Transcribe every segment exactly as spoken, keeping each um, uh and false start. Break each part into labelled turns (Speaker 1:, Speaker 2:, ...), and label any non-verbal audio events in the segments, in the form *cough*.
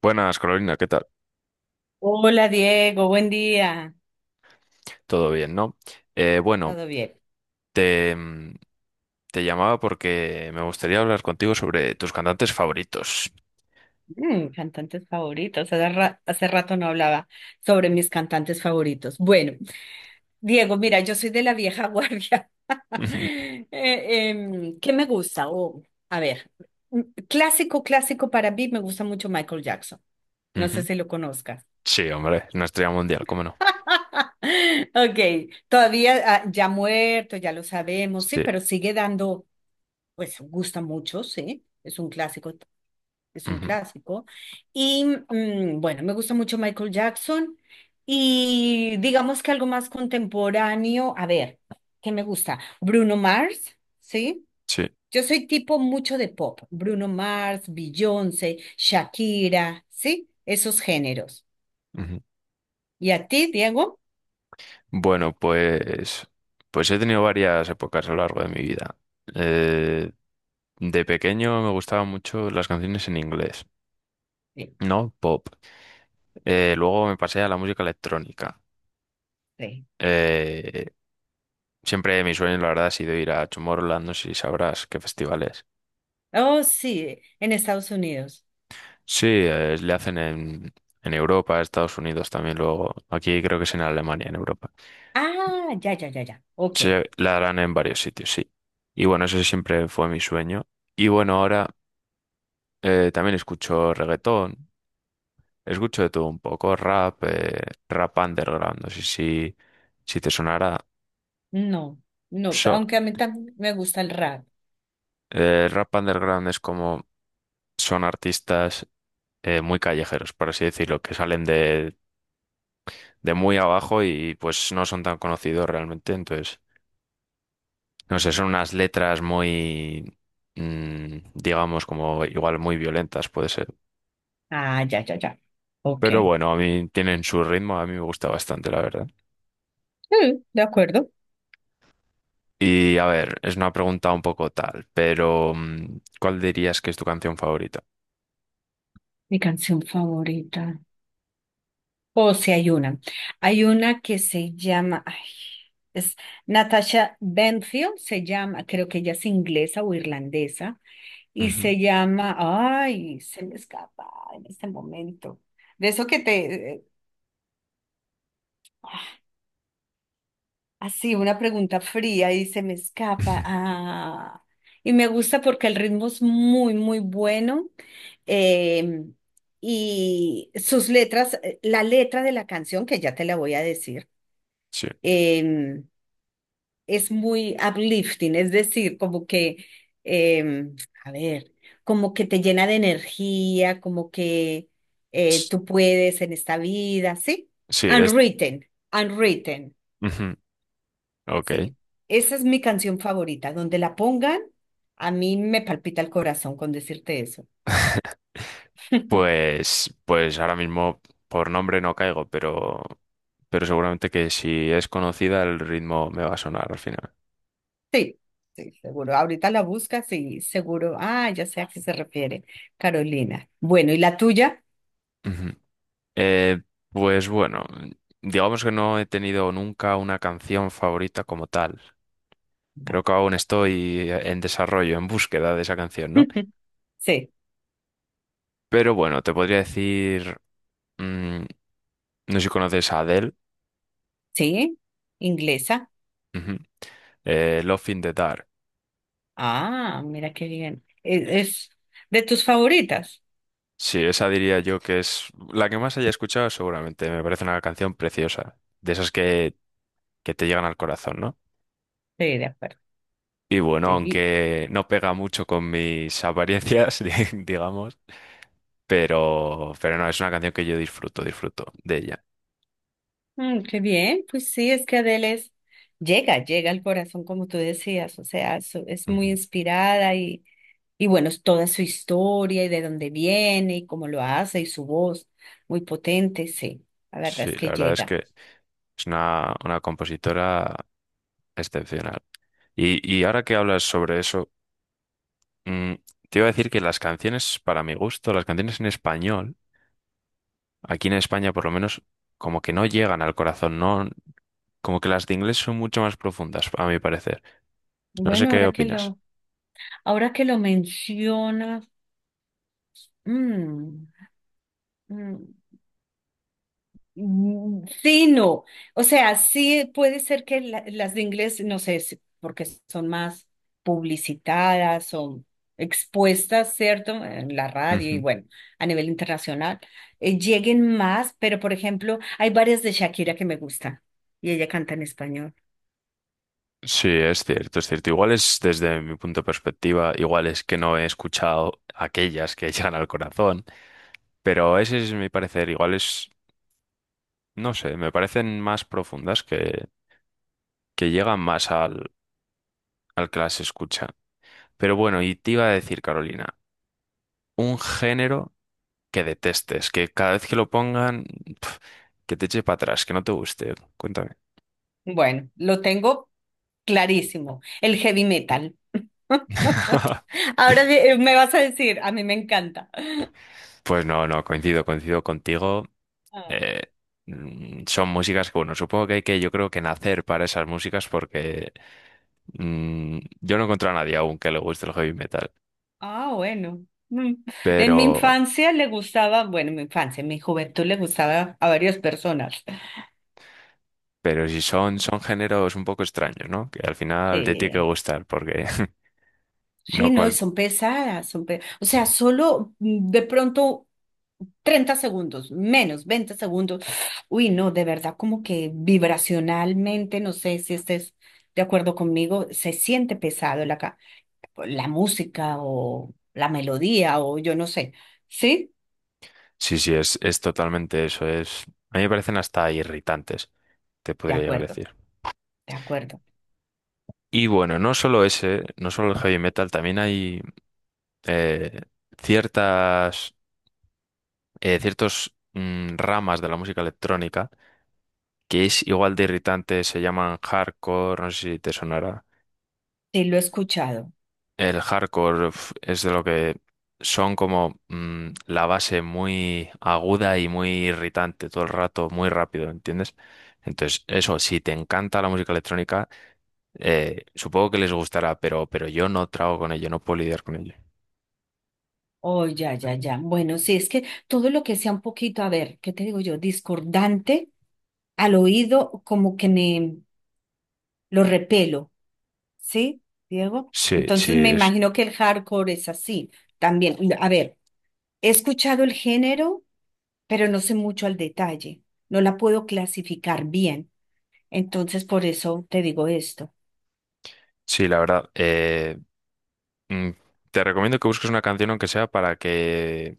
Speaker 1: Buenas, Carolina, ¿qué tal?
Speaker 2: Hola Diego, buen día.
Speaker 1: Todo bien, ¿no? Eh, bueno,
Speaker 2: ¿Todo bien?
Speaker 1: te, mm, te llamaba porque me gustaría hablar contigo sobre tus cantantes favoritos.
Speaker 2: Mm, cantantes favoritos. Hace ra- hace rato no hablaba sobre mis cantantes favoritos. Bueno, Diego, mira, yo soy de la vieja guardia.
Speaker 1: Ujú,
Speaker 2: *laughs* Eh, em, ¿qué me gusta? O, a ver, mm, clásico, clásico para mí me gusta mucho Michael Jackson. No sé
Speaker 1: ujú.
Speaker 2: si lo conozcas.
Speaker 1: Sí, hombre, es una estrella mundial, ¿cómo no?
Speaker 2: *laughs* Ok, todavía ah, ya muerto, ya lo sabemos, sí,
Speaker 1: Sí,
Speaker 2: pero sigue dando, pues gusta mucho, sí, es un clásico. es un
Speaker 1: ujú,
Speaker 2: clásico. Y mm, bueno, me gusta mucho Michael Jackson y digamos que algo más contemporáneo, a ver, ¿qué me gusta? Bruno Mars, ¿sí?
Speaker 1: sí.
Speaker 2: Yo soy tipo mucho de pop, Bruno Mars, Beyoncé, Shakira, ¿sí? Esos géneros.
Speaker 1: Ujú.
Speaker 2: ¿Y a ti, Diego?
Speaker 1: Bueno, pues, pues he tenido varias épocas a lo largo de mi vida. Eh, de pequeño me gustaban mucho las canciones en inglés,
Speaker 2: Sí.
Speaker 1: ¿no? Pop. Eh, luego me pasé a la música electrónica.
Speaker 2: Sí.
Speaker 1: Eh, Siempre mi sueño, la verdad, ha sido ir a Tomorrowland, no sé si sabrás qué festivales.
Speaker 2: Oh, sí, en Estados Unidos.
Speaker 1: Sí, eh, le hacen en, en Europa, Estados Unidos también luego. Aquí creo que es en Alemania, en Europa.
Speaker 2: Ah, ya, ya, ya, ya. Ok.
Speaker 1: Se la harán en varios sitios, sí. Y bueno, eso siempre fue mi sueño. Y bueno, ahora eh, también escucho reggaetón, escucho de todo un poco, rap, eh, rap underground, no sé si, si te sonará.
Speaker 2: No, no,
Speaker 1: So,
Speaker 2: aunque a mí también me gusta el rap.
Speaker 1: eh, rap underground es como son artistas eh, muy callejeros, por así decirlo, que salen de, de muy abajo y pues no son tan conocidos realmente. Entonces, no sé, son unas letras muy, mm, digamos, como igual muy violentas puede ser.
Speaker 2: Ah, ya, ya, ya. Ok.
Speaker 1: Pero bueno, a mí tienen su ritmo, a mí me gusta bastante, la verdad.
Speaker 2: Mm, de acuerdo.
Speaker 1: Y a ver, es una pregunta un poco tal, pero mm, ¿cuál dirías que es tu canción favorita?
Speaker 2: Mi canción favorita. O si hay una. Hay una que se llama, ay, es Natasha Bedingfield, se llama, creo que ella es inglesa o irlandesa, y
Speaker 1: Ujú.
Speaker 2: se llama, ay, se me escapa en este momento. De eso que te, eh, así, una pregunta fría y se me escapa.
Speaker 1: *laughs*
Speaker 2: Ah, y me gusta porque el ritmo es muy, muy bueno. eh, y sus letras, eh, la letra de la canción, que ya te la voy a decir,
Speaker 1: Sí.
Speaker 2: eh, es muy uplifting, es decir, como que, eh, a ver, como que te llena de energía, como que eh, tú puedes en esta vida, ¿sí?
Speaker 1: Sí, de est-
Speaker 2: Unwritten, unwritten.
Speaker 1: Ujú. Ok.
Speaker 2: Sí, esa es mi canción favorita. Donde la pongan, a mí me palpita el corazón con decirte eso.
Speaker 1: *laughs* Pues, pues ahora mismo por nombre no caigo, pero, pero seguramente que si es conocida el ritmo me va a sonar al final.
Speaker 2: Sí, sí, seguro. Ahorita la buscas y seguro. Ah, ya sé a qué se refiere, Carolina. Bueno, ¿y la tuya?
Speaker 1: Ujú. Eh, pues bueno, digamos que no he tenido nunca una canción favorita como tal.
Speaker 2: Ya.
Speaker 1: Creo que aún estoy en desarrollo, en búsqueda de esa canción, ¿no?
Speaker 2: *laughs* Sí,
Speaker 1: Pero bueno, te podría decir, mm, no sé si conoces a Adele,
Speaker 2: sí, inglesa.
Speaker 1: ujú, eh, Love in the Dark.
Speaker 2: Ah, mira qué bien. E- Es, de tus favoritas.
Speaker 1: Sí, esa diría yo que es la que más haya escuchado seguramente. Me parece una canción preciosa, de esas que, que te llegan al corazón, ¿no?
Speaker 2: Sí, de acuerdo.
Speaker 1: Y bueno,
Speaker 2: Sí. Y-
Speaker 1: aunque no pega mucho con mis apariencias, *laughs* di- digamos, pero, pero no, es una canción que yo disfruto, disfruto de ella.
Speaker 2: mm, qué bien, pues sí, es que Adele es, llega, llega al corazón, como tú decías, o sea, es, es muy
Speaker 1: Ujú.
Speaker 2: inspirada. Y bueno, es toda su historia y de dónde viene y cómo lo hace y su voz muy potente, sí, la verdad
Speaker 1: Sí,
Speaker 2: es
Speaker 1: la
Speaker 2: que
Speaker 1: verdad es
Speaker 2: llega.
Speaker 1: que es una, una compositora excepcional. Y, y ahora que hablas sobre eso, mm, te iba a decir que las canciones, para mi gusto, las canciones en español, aquí en España, por lo menos, como que no llegan al corazón, no, como que las de inglés son mucho más profundas, a mi parecer. No sé
Speaker 2: Bueno,
Speaker 1: qué
Speaker 2: ahora que
Speaker 1: opinas.
Speaker 2: lo, ahora que lo mencionas, mm, mm, Mm, sí, no. O sea, sí puede ser que la- las de inglés, no sé, si- porque son más publicitadas, son expuestas, ¿cierto? En la radio y
Speaker 1: Ujú.
Speaker 2: bueno, a nivel internacional, eh, lleguen más, pero por ejemplo, hay varias de Shakira que me gustan y ella canta en español.
Speaker 1: Sí, es cierto, es cierto. Igual es desde mi punto de perspectiva, igual es que no he escuchado aquellas que *laughs* llegan al corazón, pero ese es mi parecer. Igual es, no sé, me parecen más profundas que, que llegan más al, al que las escucha. Pero bueno, y te iba a decir, Carolina, un género que detestes, que cada vez que lo pongan, pf, que te eche para atrás, que no te guste. Cuéntame.
Speaker 2: Bueno, lo tengo clarísimo, el heavy metal. *laughs*
Speaker 1: *laughs*
Speaker 2: Ahora eh, me vas a decir, a mí me encanta.
Speaker 1: Pues no, no, coincido, coincido contigo. Eh, mm, son músicas que, bueno, supongo que hay que, yo creo que nacer para esas músicas porque mm, yo no encuentro a nadie aún que le guste el heavy metal.
Speaker 2: Ah, bueno. Mm. En mi
Speaker 1: Pero,
Speaker 2: infancia le gustaba, bueno, en mi infancia, en mi juventud le gustaba a varias personas.
Speaker 1: pero si son, son géneros un poco extraños, ¿no? Que al final te tiene que
Speaker 2: Sí,
Speaker 1: gustar porque *laughs*
Speaker 2: sí,
Speaker 1: no
Speaker 2: no, y
Speaker 1: cual...
Speaker 2: son pesadas, son pe- o sea, solo mm, de pronto treinta segundos, menos veinte segundos. Uy, no, de verdad, como que vibracionalmente, no sé si estés de acuerdo conmigo, se siente pesado la, ca- la música o la melodía o yo no sé. ¿Sí?
Speaker 1: Sí, sí, es, es totalmente eso. Es... A mí me parecen hasta irritantes, te
Speaker 2: De
Speaker 1: podría llegar a
Speaker 2: acuerdo,
Speaker 1: decir.
Speaker 2: de acuerdo.
Speaker 1: Y bueno, no solo ese, no solo el heavy metal, también hay eh, ciertas eh, ciertos mm, ramas de la música electrónica que es igual de irritante, se llaman hardcore, no sé si te sonará.
Speaker 2: Sí, lo he escuchado.
Speaker 1: El hardcore uf, es de lo que son como mm, la base muy aguda y muy irritante todo el rato, muy rápido, ¿entiendes? Entonces, eso, si te encanta la música electrónica, eh, supongo que les gustará, pero, pero yo no trago con ello, no puedo lidiar con ello.
Speaker 2: Oh, ya, ya, ya. Bueno, sí, es que todo lo que sea un poquito, a ver, ¿qué te digo yo? Discordante al oído, como que me lo repelo, ¿sí, Diego?
Speaker 1: Sí,
Speaker 2: Entonces me
Speaker 1: sí,
Speaker 2: imagino que el hardcore es así también. A ver, he escuchado el género, pero no sé mucho al detalle. No la puedo clasificar bien. Entonces, por eso te digo esto.
Speaker 1: sí, la verdad. eh, mm, te recomiendo que busques una canción aunque sea para que,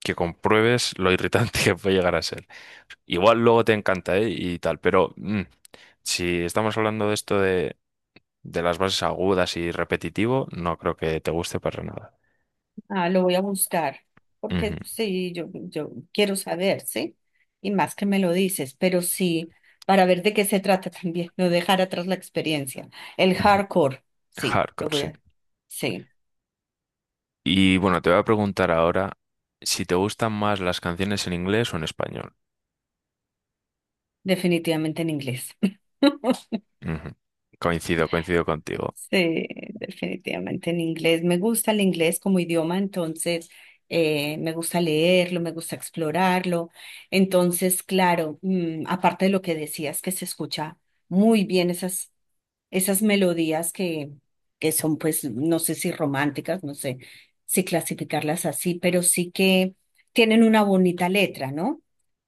Speaker 1: que compruebes lo irritante *laughs* que puede llegar a ser. Igual luego te encanta, ¿eh? Y tal, pero mm, si estamos hablando de esto de, de las bases agudas y repetitivo, no creo que te guste para nada.
Speaker 2: Ah, lo voy a buscar,
Speaker 1: Ujú,
Speaker 2: porque sí, yo, yo quiero saber, ¿sí? Y más que me lo dices, pero sí, para ver de qué se trata *laughs* también, no dejar atrás la experiencia. El
Speaker 1: ujú.
Speaker 2: hardcore,
Speaker 1: *laughs*
Speaker 2: sí, lo
Speaker 1: Hardcore,
Speaker 2: voy
Speaker 1: sí.
Speaker 2: a, sí,
Speaker 1: Y bueno, te voy a preguntar ahora si te gustan más las canciones en inglés o en español.
Speaker 2: definitivamente en inglés. *laughs*
Speaker 1: Ujú. Coincido, coincido contigo.
Speaker 2: Sí, definitivamente en inglés. Me gusta el inglés como idioma, entonces eh, me gusta leerlo, me gusta explorarlo. Entonces, claro, mm, aparte de lo que decías, que se escucha muy bien esas esas melodías que, que son, pues, no sé si románticas, no sé si clasificarlas así, pero sí que tienen una bonita letra, ¿no?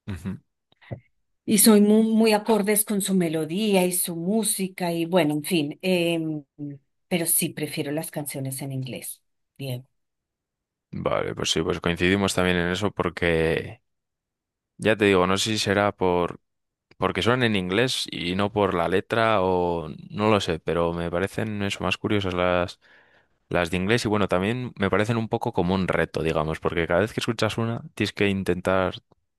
Speaker 1: Ujú.
Speaker 2: Y soy muy, muy acordes con su melodía y su música y bueno, en fin, em, pero sí prefiero las canciones en inglés. Bien,
Speaker 1: Vale, pues sí, pues coincidimos también en eso porque ya te digo, no sé si será por porque son en inglés y no por la letra o no lo sé, pero me parecen eso más curiosas las las de inglés y bueno, también me parecen un poco como un reto, digamos, porque cada vez que escuchas una tienes que intentar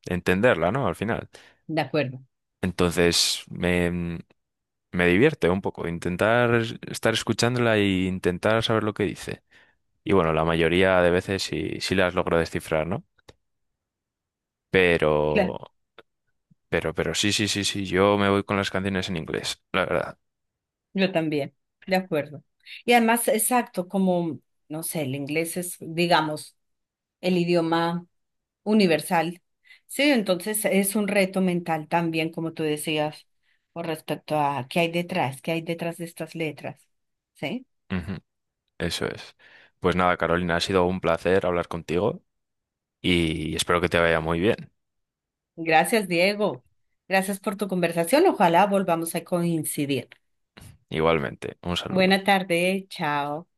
Speaker 1: entenderla, ¿no? Al final.
Speaker 2: de acuerdo.
Speaker 1: Entonces, me me divierte un poco intentar es- estar escuchándola e intentar saber lo que dice. Y bueno, la mayoría de veces sí, sí las logro descifrar, ¿no? Pero Pero, pero sí, sí, sí, sí, yo me voy con las canciones en inglés, la verdad.
Speaker 2: Yo también, de acuerdo. Y además, exacto, como, no sé, el inglés es, digamos, el idioma universal. Sí, entonces es un reto mental también, como tú decías, con respecto a qué hay detrás, qué hay detrás de estas letras. Sí.
Speaker 1: Ujú, eso es. Pues nada, Carolina, ha sido un placer hablar contigo y espero que te vaya muy bien.
Speaker 2: Gracias, Diego. Gracias por tu conversación. Ojalá volvamos a coincidir.
Speaker 1: Igualmente, un saludo.
Speaker 2: Buena tarde, chao.